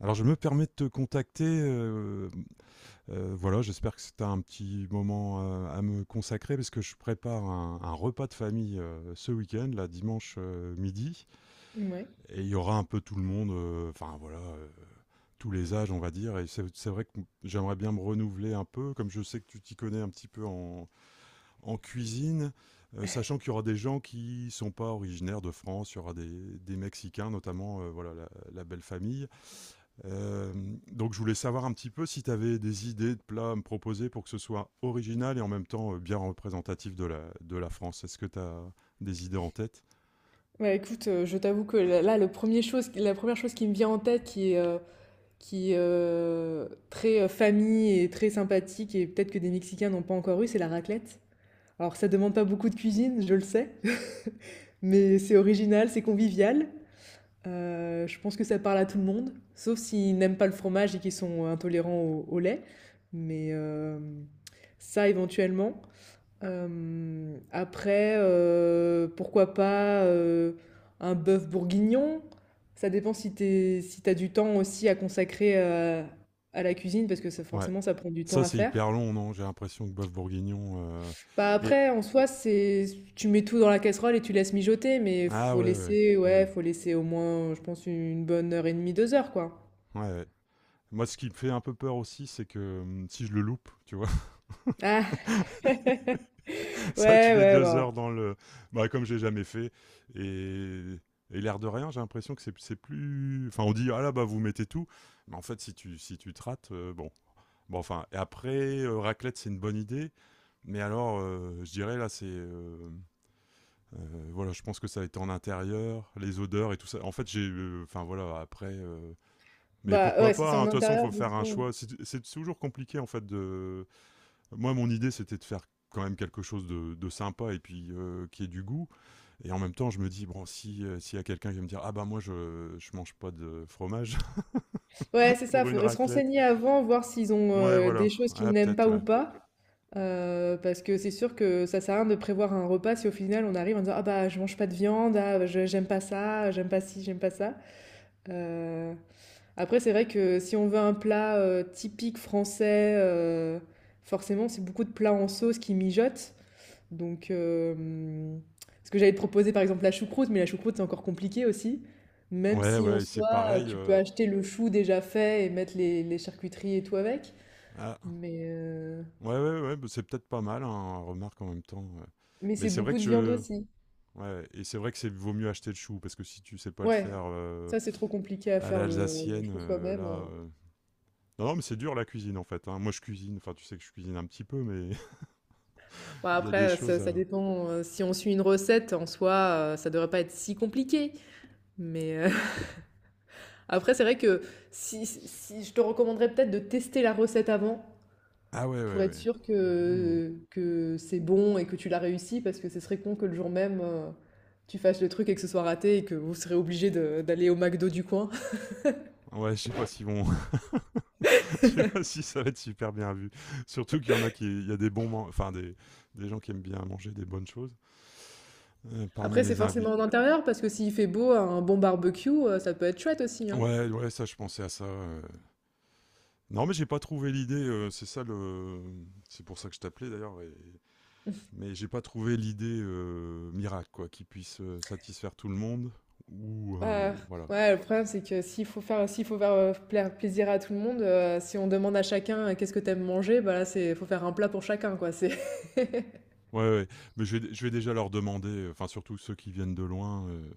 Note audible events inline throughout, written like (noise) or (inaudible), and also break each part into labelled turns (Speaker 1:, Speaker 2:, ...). Speaker 1: Alors je me permets de te contacter, voilà, j'espère que c'est un petit moment, à me consacrer parce que je prépare un repas de famille, ce week-end, là, dimanche, midi.
Speaker 2: Ouais.
Speaker 1: Et il y aura un peu tout le monde, enfin voilà, tous les âges, on va dire. Et c'est vrai que j'aimerais bien me renouveler un peu, comme je sais que tu t'y connais un petit peu en cuisine, sachant qu'il y aura des gens qui sont pas originaires de France. Il y aura des Mexicains notamment, voilà, la belle famille. euh, donc je voulais savoir un petit peu si tu avais des idées de plats à me proposer, pour que ce soit original et en même temps bien représentatif de la France. Est-ce que tu as des idées en tête?
Speaker 2: Ouais, écoute, je t'avoue que là, la première chose qui me vient en tête, qui est très famille et très sympathique, et peut-être que des Mexicains n'ont pas encore eu, c'est la raclette. Alors, ça demande pas beaucoup de cuisine, je le sais, (laughs) mais c'est original, c'est convivial. Je pense que ça parle à tout le monde, sauf s'ils n'aiment pas le fromage et qu'ils sont intolérants au lait. Mais euh, Ça, éventuellement. Après, pourquoi pas, un bœuf bourguignon? Ça dépend si si t'as du temps aussi à consacrer, à la cuisine parce que ça
Speaker 1: Ouais.
Speaker 2: forcément ça prend du temps
Speaker 1: Ça,
Speaker 2: à
Speaker 1: c'est
Speaker 2: faire.
Speaker 1: hyper long, non? J'ai l'impression que bœuf bourguignon...
Speaker 2: Bah,
Speaker 1: Et...
Speaker 2: après en soi c'est tu mets tout dans la casserole et tu laisses mijoter, mais
Speaker 1: Ah,
Speaker 2: faut
Speaker 1: ouais, ouais.
Speaker 2: laisser,
Speaker 1: Hmm.
Speaker 2: ouais, faut laisser au moins, je pense, une bonne heure et demie, 2 heures quoi.
Speaker 1: Ouais, ouais. Moi, ce qui me fait un peu peur aussi, c'est que, si je le loupe, tu vois.
Speaker 2: Ah! (laughs)
Speaker 1: Ça, tu
Speaker 2: Ouais,
Speaker 1: fais
Speaker 2: ouais,
Speaker 1: 2 heures
Speaker 2: bah
Speaker 1: dans le. Bah, comme j'ai jamais fait. Et, et l'air de rien, j'ai l'impression que c'est plus. Enfin, on dit, ah là, bah, vous mettez tout. Mais en fait, si tu te rates, bon. Bon, enfin, et après, raclette, c'est une bonne idée. Mais alors, je dirais, là, c'est. Voilà, je pense que ça a été en intérieur, les odeurs et tout ça. En fait, j'ai. Enfin, voilà, après. Mais
Speaker 2: bah,
Speaker 1: pourquoi
Speaker 2: ouais, si
Speaker 1: pas,
Speaker 2: c'est
Speaker 1: hein?
Speaker 2: en
Speaker 1: De toute façon, il
Speaker 2: intérieur
Speaker 1: faut
Speaker 2: du
Speaker 1: faire un
Speaker 2: coup.
Speaker 1: choix. C'est toujours compliqué, en fait, de moi, mon idée, c'était de faire quand même quelque chose de sympa et puis, qui ait du goût. Et en même temps, je me dis, bon, si, s'il y a quelqu'un qui va me dire, ah bah moi, je mange pas de fromage (laughs)
Speaker 2: Ouais, c'est ça,
Speaker 1: pour une
Speaker 2: faudrait se
Speaker 1: raclette.
Speaker 2: renseigner avant, voir s'ils ont
Speaker 1: Ouais,
Speaker 2: des
Speaker 1: voilà.
Speaker 2: choses qu'ils
Speaker 1: Ah,
Speaker 2: n'aiment
Speaker 1: peut-être,
Speaker 2: pas
Speaker 1: ouais.
Speaker 2: ou pas. Parce que c'est sûr que ça sert à rien de prévoir un repas si au final on arrive en disant: ah bah je mange pas de viande, ah bah, j'aime pas ça, j'aime pas ci, j'aime pas ça. Euh, Après, c'est vrai que si on veut un plat typique français, forcément c'est beaucoup de plats en sauce qui mijotent. Donc, ce que j'allais te proposer, par exemple, la choucroute, mais la choucroute, c'est encore compliqué aussi. Même
Speaker 1: Ouais,
Speaker 2: si en
Speaker 1: ouais, et c'est
Speaker 2: soi,
Speaker 1: pareil.
Speaker 2: tu peux acheter le chou déjà fait et mettre les charcuteries et tout avec.
Speaker 1: Ah,
Speaker 2: Mais, euh,
Speaker 1: ouais, ouais, ouais, bah, c'est peut-être pas mal, hein, remarque en même temps. Ouais.
Speaker 2: mais
Speaker 1: Mais
Speaker 2: c'est
Speaker 1: c'est vrai
Speaker 2: beaucoup
Speaker 1: que
Speaker 2: de viande
Speaker 1: je.
Speaker 2: aussi.
Speaker 1: Ouais, et c'est vrai que c'est vaut mieux acheter le chou, parce que si tu sais pas le
Speaker 2: Ouais,
Speaker 1: faire,
Speaker 2: ça, c'est trop compliqué à
Speaker 1: à
Speaker 2: faire le
Speaker 1: l'alsacienne,
Speaker 2: chou soi-même.
Speaker 1: là.
Speaker 2: euh.
Speaker 1: Non, non, mais c'est dur, la cuisine, en fait, hein. Moi je cuisine, enfin tu sais que je cuisine un petit peu, mais...
Speaker 2: Bon,
Speaker 1: Il y a des
Speaker 2: après, ça,
Speaker 1: choses à.
Speaker 2: ça dépend. Si on suit une recette, en soi, ça devrait pas être si compliqué. Mais euh, (laughs) Après, c'est vrai que si, je te recommanderais peut-être de tester la recette avant.
Speaker 1: Ah, ouais, ouais,
Speaker 2: Pour être
Speaker 1: ouais.
Speaker 2: sûr
Speaker 1: Hmm.
Speaker 2: que c'est bon et que tu l'as réussi, parce que ce serait con que le jour même, tu fasses le truc et que ce soit raté et que vous serez obligé d'aller au McDo du coin. (laughs)
Speaker 1: Ouais, je sais pas s'ils vont, (laughs) je sais pas si ça va être super bien vu. Surtout qu'il y en a qui, il y a des bons, enfin des gens qui aiment bien manger des bonnes choses, parmi
Speaker 2: Après, c'est
Speaker 1: les
Speaker 2: forcément
Speaker 1: invités.
Speaker 2: en intérieur, parce que s'il fait beau, un bon barbecue, ça peut être chouette aussi, hein.
Speaker 1: Ouais, ouais, ça, je pensais à ça. Non, mais j'ai pas trouvé l'idée. C'est ça, le, c'est pour ça que je t'appelais d'ailleurs. Mais j'ai pas trouvé l'idée miracle, quoi, qui puisse satisfaire tout le monde, ou
Speaker 2: Ouais,
Speaker 1: voilà.
Speaker 2: ouais, le problème, c'est que s'il faut faire plaisir à tout le monde, si on demande à chacun qu'est-ce que t'aimes manger, bah là, c'est, faut faire un plat pour chacun, quoi. C'est... (laughs)
Speaker 1: Ouais, ouais. Mais je vais déjà leur demander, enfin surtout ceux qui viennent de loin,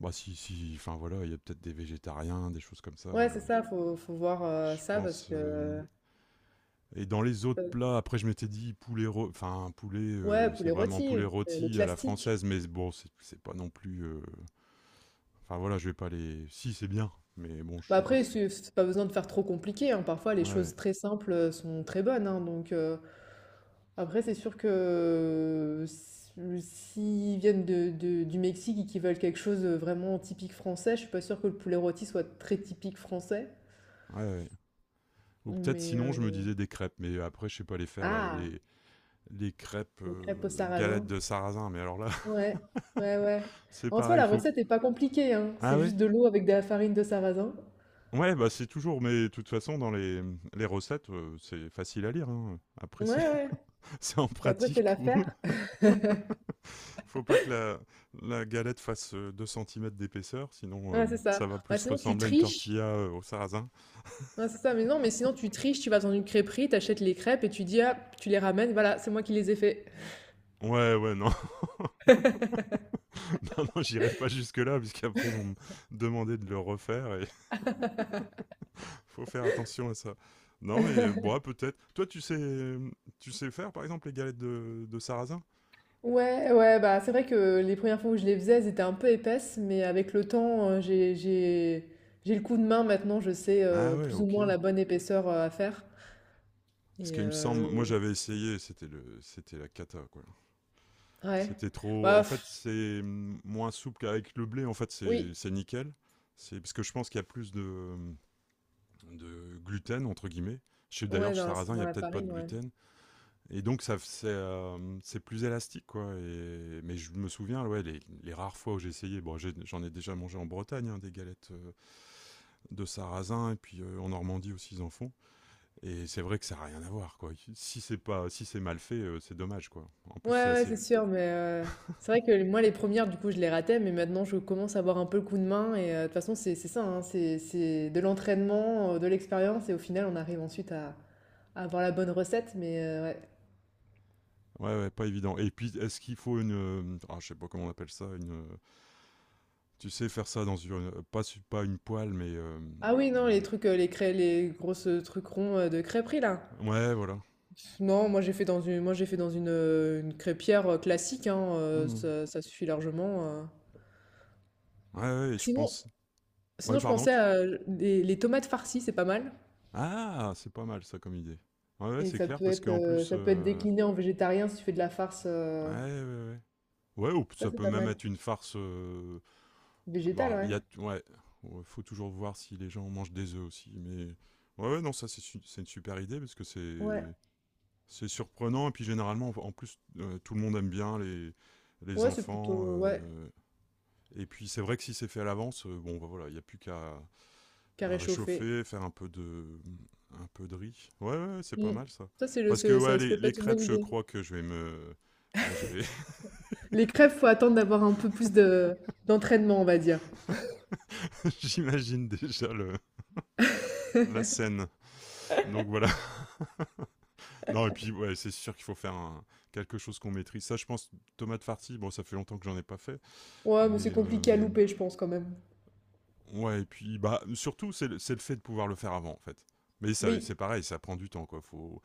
Speaker 1: bah si, si, enfin voilà, il y a peut-être des végétariens, des choses comme ça.
Speaker 2: Ouais, c'est ça, faut voir
Speaker 1: Je
Speaker 2: ça, parce
Speaker 1: pense.
Speaker 2: que...
Speaker 1: Et dans les autres
Speaker 2: euh,
Speaker 1: plats, après, je m'étais dit poulet, enfin poulet,
Speaker 2: Ouais,
Speaker 1: c'est
Speaker 2: poulet
Speaker 1: vraiment poulet
Speaker 2: rôti, le
Speaker 1: rôti à la
Speaker 2: classique.
Speaker 1: française, mais bon, c'est pas non plus. Enfin voilà, je vais pas les. Si c'est bien, mais bon, je
Speaker 2: Bah après,
Speaker 1: suppose. Si.
Speaker 2: c'est pas besoin de faire trop compliqué, hein. Parfois, les
Speaker 1: Ouais,
Speaker 2: choses très simples sont très bonnes, hein. Donc, après, c'est sûr que s'ils viennent du Mexique et qu'ils veulent quelque chose de vraiment typique français, je suis pas sûre que le poulet rôti soit très typique français.
Speaker 1: ouais, ouais. Ou peut-être
Speaker 2: Mais,
Speaker 1: sinon, je me
Speaker 2: euh,
Speaker 1: disais, des crêpes, mais après je sais pas les faire, là,
Speaker 2: ah,
Speaker 1: les crêpes,
Speaker 2: les crêpes au
Speaker 1: galettes
Speaker 2: sarrasin.
Speaker 1: de sarrasin, mais alors là, (laughs)
Speaker 2: Ouais, ouais, ouais.
Speaker 1: c'est
Speaker 2: En soi,
Speaker 1: pareil,
Speaker 2: la
Speaker 1: faut.
Speaker 2: recette est pas compliquée, hein.
Speaker 1: Ah
Speaker 2: C'est
Speaker 1: ouais?
Speaker 2: juste de l'eau avec de la farine de sarrasin.
Speaker 1: Ouais, bah c'est toujours, mais de toute façon, dans les recettes, c'est facile à lire, hein. Après, c'est
Speaker 2: Ouais, ouais.
Speaker 1: (laughs) c'est en
Speaker 2: Et après, c'est
Speaker 1: pratique où
Speaker 2: l'affaire. (laughs)
Speaker 1: (laughs) faut pas que la galette fasse 2 cm d'épaisseur, sinon
Speaker 2: Ouais, c'est
Speaker 1: ça
Speaker 2: ça.
Speaker 1: va
Speaker 2: Bah,
Speaker 1: plus
Speaker 2: sinon, tu
Speaker 1: ressembler à une
Speaker 2: triches.
Speaker 1: tortilla au sarrasin.
Speaker 2: Ouais, c'est ça, mais non, mais sinon tu triches, tu vas dans une crêperie, t'achètes les crêpes et tu dis, ah, tu les ramènes, voilà, c'est moi qui les ai fait.
Speaker 1: Ouais, ouais, non, (laughs) non, non, j'irai pas jusque-là, puisqu'après, ils vont me demander de le refaire. Et (laughs) faut faire attention à ça. Non, mais bon,
Speaker 2: (laughs)
Speaker 1: ouais, peut-être. Toi, tu sais faire, par exemple, les galettes de sarrasin?
Speaker 2: Ouais, ouais, bah c'est vrai que les premières fois où je les faisais, elles étaient un peu épaisses, mais avec le temps, j'ai le coup de main maintenant, je sais
Speaker 1: Ah, ouais,
Speaker 2: plus ou
Speaker 1: ok.
Speaker 2: moins la bonne épaisseur à faire.
Speaker 1: Parce
Speaker 2: Et
Speaker 1: qu'il me semble, moi
Speaker 2: euh,
Speaker 1: j'avais essayé, c'était la cata, quoi.
Speaker 2: ouais,
Speaker 1: C'était trop.
Speaker 2: bah
Speaker 1: En fait,
Speaker 2: pff,
Speaker 1: c'est moins souple qu'avec le blé. En fait, c'est,
Speaker 2: oui,
Speaker 1: c'est nickel. C'est parce que je pense qu'il y a plus de gluten, entre guillemets. Je sais d'ailleurs,
Speaker 2: ouais,
Speaker 1: chez
Speaker 2: dans
Speaker 1: sarrasin, il y
Speaker 2: dans
Speaker 1: a
Speaker 2: la
Speaker 1: peut-être pas de
Speaker 2: farine, ouais.
Speaker 1: gluten. Et donc ça, c'est plus élastique, quoi. Et, mais je me souviens, ouais, les rares fois où j'ai essayé, bon, j'en ai déjà mangé en Bretagne, hein, des galettes de sarrasin et puis en Normandie aussi, ils en font. Et c'est vrai que ça n'a rien à voir, quoi. Si c'est pas, si c'est mal fait, c'est dommage, quoi. En
Speaker 2: Ouais,
Speaker 1: plus, c'est
Speaker 2: ouais,
Speaker 1: assez,
Speaker 2: c'est sûr, c'est vrai que moi, les premières du coup, je les ratais, mais maintenant, je commence à avoir un peu le coup de main et, de toute façon, c'est ça, hein, c'est de l'entraînement, de l'expérience et au final, on arrive ensuite à avoir la bonne recette, mais ouais.
Speaker 1: ouais, ouais, pas évident. Et puis, est-ce qu'il faut une, ah, je sais pas comment on appelle ça, une, tu sais, faire ça dans une, pas une poêle, mais,
Speaker 2: Ah oui, non, les trucs, les grosses, trucs ronds, de crêperie, là?
Speaker 1: ouais, voilà.
Speaker 2: Pff, non, moi, j'ai fait dans une crêpière, classique, hein,
Speaker 1: Mhm.
Speaker 2: ça suffit largement.
Speaker 1: Ouais, ouais, je
Speaker 2: Sinon
Speaker 1: pense, ouais,
Speaker 2: sinon, je
Speaker 1: pardon,
Speaker 2: pensais à les tomates farcies, c'est pas mal?
Speaker 1: ah, c'est pas mal ça comme idée. Ouais, ouais,
Speaker 2: Et
Speaker 1: c'est clair, parce qu'en plus,
Speaker 2: ça peut être décliné en végétarien si tu fais de la farce.
Speaker 1: ouais,
Speaker 2: euh,
Speaker 1: ouais, ouais. Ouais, ou
Speaker 2: Ça,
Speaker 1: ça
Speaker 2: c'est
Speaker 1: peut
Speaker 2: pas
Speaker 1: même
Speaker 2: mal.
Speaker 1: être une farce.
Speaker 2: Végétal,
Speaker 1: Bah, il
Speaker 2: ouais.
Speaker 1: y a, ouais, ouais, faut toujours voir si les gens mangent des œufs aussi. Mais ouais, ouais, non, ça c'est une super idée parce que
Speaker 2: Ouais.
Speaker 1: c'est surprenant et puis généralement en plus tout le monde aime bien les
Speaker 2: Ouais, c'est
Speaker 1: enfants.
Speaker 2: plutôt. Ouais,
Speaker 1: Et puis c'est vrai que si c'est fait à l'avance, bon bah voilà, il n'y a plus qu'à à
Speaker 2: carré chauffé.
Speaker 1: réchauffer, faire un peu de riz. Ouais, ouais, ouais, c'est pas
Speaker 2: Mm.
Speaker 1: mal, ça.
Speaker 2: Ça,
Speaker 1: Parce que ouais, les,
Speaker 2: ça peut
Speaker 1: les
Speaker 2: être une
Speaker 1: crêpes,
Speaker 2: bonne
Speaker 1: je
Speaker 2: idée.
Speaker 1: crois que je vais me là je vais
Speaker 2: Les crêpes, faut attendre d'avoir un peu plus d'entraînement, on va dire.
Speaker 1: (laughs) j'imagine déjà le la
Speaker 2: (laughs)
Speaker 1: scène. Donc voilà. Non, et puis, ouais, c'est sûr qu'il faut faire quelque chose qu'on maîtrise. Ça, je pense, tomate farci, bon, ça fait longtemps que j'en ai pas fait,
Speaker 2: Ouais, mais
Speaker 1: mais...
Speaker 2: c'est compliqué à louper, je pense, quand même.
Speaker 1: ouais, et puis, bah, surtout, c'est le fait de pouvoir le faire avant, en fait. Mais ça, c'est
Speaker 2: Oui.
Speaker 1: pareil, ça prend du temps, quoi.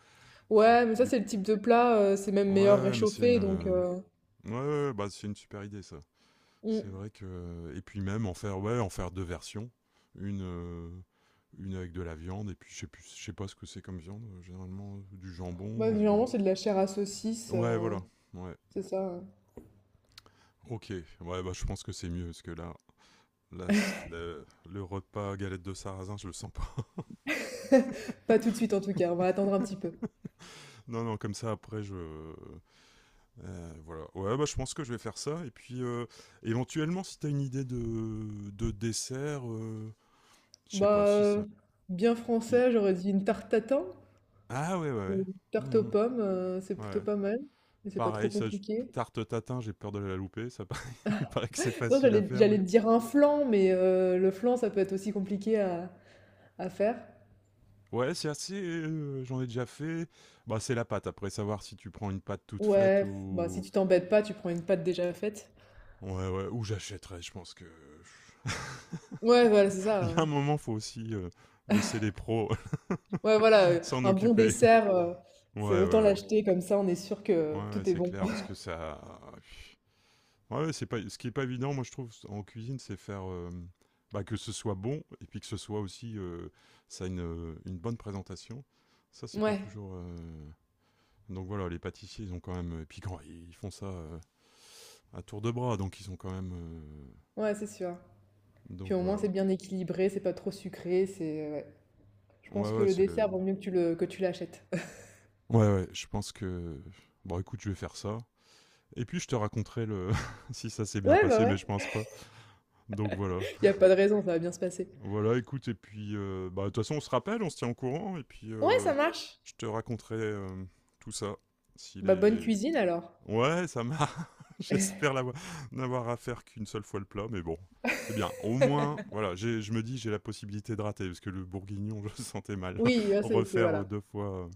Speaker 1: faut
Speaker 2: Ouais, mais ça,
Speaker 1: dé-
Speaker 2: c'est le type de plat, c'est même
Speaker 1: Ouais,
Speaker 2: meilleur
Speaker 1: ouais, mais c'est une...
Speaker 2: réchauffé, donc... euh,
Speaker 1: Ouais, ouais, bah, c'est une super idée, ça. C'est
Speaker 2: mm.
Speaker 1: vrai que... Et puis même, en faire, ouais, en faire deux versions. Une... euh, Une avec de la viande, et puis je sais plus, je sais pas ce que c'est comme viande, généralement du jambon,
Speaker 2: Ouais,
Speaker 1: ou du...
Speaker 2: généralement, c'est de la chair à saucisse,
Speaker 1: Ouais, voilà, ouais.
Speaker 2: c'est ça.
Speaker 1: OK, ouais, bah, je pense que c'est mieux, parce que le repas galette de sarrasin, je le sens pas. (laughs)
Speaker 2: (laughs) Pas tout de suite, en tout cas, on va attendre un petit peu.
Speaker 1: Non, non, comme ça après je, voilà. Ouais, bah je pense que je vais faire ça et puis, éventuellement, si t'as une idée de dessert, je sais
Speaker 2: Bah,
Speaker 1: pas si
Speaker 2: euh,
Speaker 1: ça...
Speaker 2: Bien
Speaker 1: qui...
Speaker 2: français, j'aurais dit une tarte tatin
Speaker 1: Ah, ouais, ouais,
Speaker 2: ou
Speaker 1: ouais.
Speaker 2: une tarte aux
Speaker 1: Mhm.
Speaker 2: pommes, c'est plutôt
Speaker 1: Ouais.
Speaker 2: pas mal, mais c'est pas trop
Speaker 1: Pareil,
Speaker 2: compliqué.
Speaker 1: tarte tatin, j'ai peur de la louper, ça paraît, (laughs) il paraît que c'est
Speaker 2: (laughs) Non,
Speaker 1: facile à faire,
Speaker 2: j'allais
Speaker 1: mais...
Speaker 2: te dire un flan, mais le flan, ça peut être aussi compliqué à faire.
Speaker 1: Ouais, c'est assez, j'en ai déjà fait. Bah c'est la pâte, après, savoir si tu prends une pâte toute faite
Speaker 2: Ouais, bah si
Speaker 1: ou...
Speaker 2: tu t'embêtes pas, tu prends une pâte déjà faite.
Speaker 1: Ouais, ouais, ou j'achèterais, je pense que...
Speaker 2: Ouais, voilà, c'est
Speaker 1: (laughs) Il
Speaker 2: ça,
Speaker 1: y a un
Speaker 2: hein.
Speaker 1: moment, faut aussi, laisser les pros (laughs)
Speaker 2: Ouais, voilà,
Speaker 1: s'en
Speaker 2: un bon
Speaker 1: occuper.
Speaker 2: dessert, c'est
Speaker 1: Ouais,
Speaker 2: autant
Speaker 1: ouais, ouais.
Speaker 2: l'acheter, comme ça on est sûr
Speaker 1: Ouais,
Speaker 2: que
Speaker 1: ouais,
Speaker 2: tout est
Speaker 1: c'est
Speaker 2: bon.
Speaker 1: clair, parce que
Speaker 2: (laughs)
Speaker 1: ça... Ouais, ouais, c'est pas... ce qui est pas évident, moi, je trouve, en cuisine, c'est faire... bah, que ce soit bon, et puis que ce soit aussi... ça a une bonne présentation. Ça, c'est pas
Speaker 2: Ouais,
Speaker 1: toujours... Donc voilà, les pâtissiers, ils ont quand même... Et puis quand ils font ça, à tour de bras, donc ils ont quand même...
Speaker 2: ouais, c'est sûr. Puis
Speaker 1: Donc
Speaker 2: au moins
Speaker 1: voilà.
Speaker 2: c'est bien équilibré, c'est pas trop sucré, c'est... ouais. Je
Speaker 1: Ouais,
Speaker 2: pense que
Speaker 1: ouais,
Speaker 2: le
Speaker 1: c'est
Speaker 2: dessert,
Speaker 1: le...
Speaker 2: vaut mieux que que tu l'achètes.
Speaker 1: Ouais, ouais, je pense que, bon, écoute, je vais faire ça. Et puis je te raconterai le (laughs) si ça s'est bien
Speaker 2: Ouais, bah
Speaker 1: passé, mais
Speaker 2: ouais.
Speaker 1: je pense pas. Donc voilà.
Speaker 2: Il a pas de raison, ça va bien se passer.
Speaker 1: Voilà, écoute, et puis, bah, de toute façon, on se rappelle, on se tient au courant, et puis,
Speaker 2: Ouais, ça marche.
Speaker 1: je te raconterai, tout ça. S'il
Speaker 2: Bah bonne
Speaker 1: est.
Speaker 2: cuisine alors.
Speaker 1: Ouais, ça m'a. (laughs) J'espère n'avoir à faire qu'une seule fois le plat, mais bon. C'est bien, au moins. Voilà, je me dis j'ai la possibilité de rater, parce que le bourguignon, (laughs) je le sentais mal.
Speaker 2: Oui, là,
Speaker 1: (laughs) Refaire
Speaker 2: voilà.
Speaker 1: deux fois.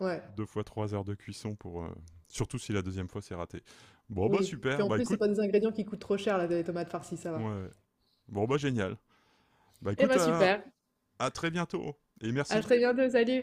Speaker 2: Ouais.
Speaker 1: Deux fois 3 heures de cuisson, pour. Surtout si la deuxième fois c'est raté. Bon, bah
Speaker 2: Oui. Puis
Speaker 1: super,
Speaker 2: en
Speaker 1: bah
Speaker 2: plus, c'est
Speaker 1: écoute,
Speaker 2: pas des ingrédients qui coûtent trop cher là, les tomates farcies, ça va.
Speaker 1: ouais. Bon, bah génial. Bah
Speaker 2: Eh
Speaker 1: écoute,
Speaker 2: ben
Speaker 1: à,
Speaker 2: super.
Speaker 1: à très bientôt et
Speaker 2: À
Speaker 1: merci.
Speaker 2: très bientôt, salut.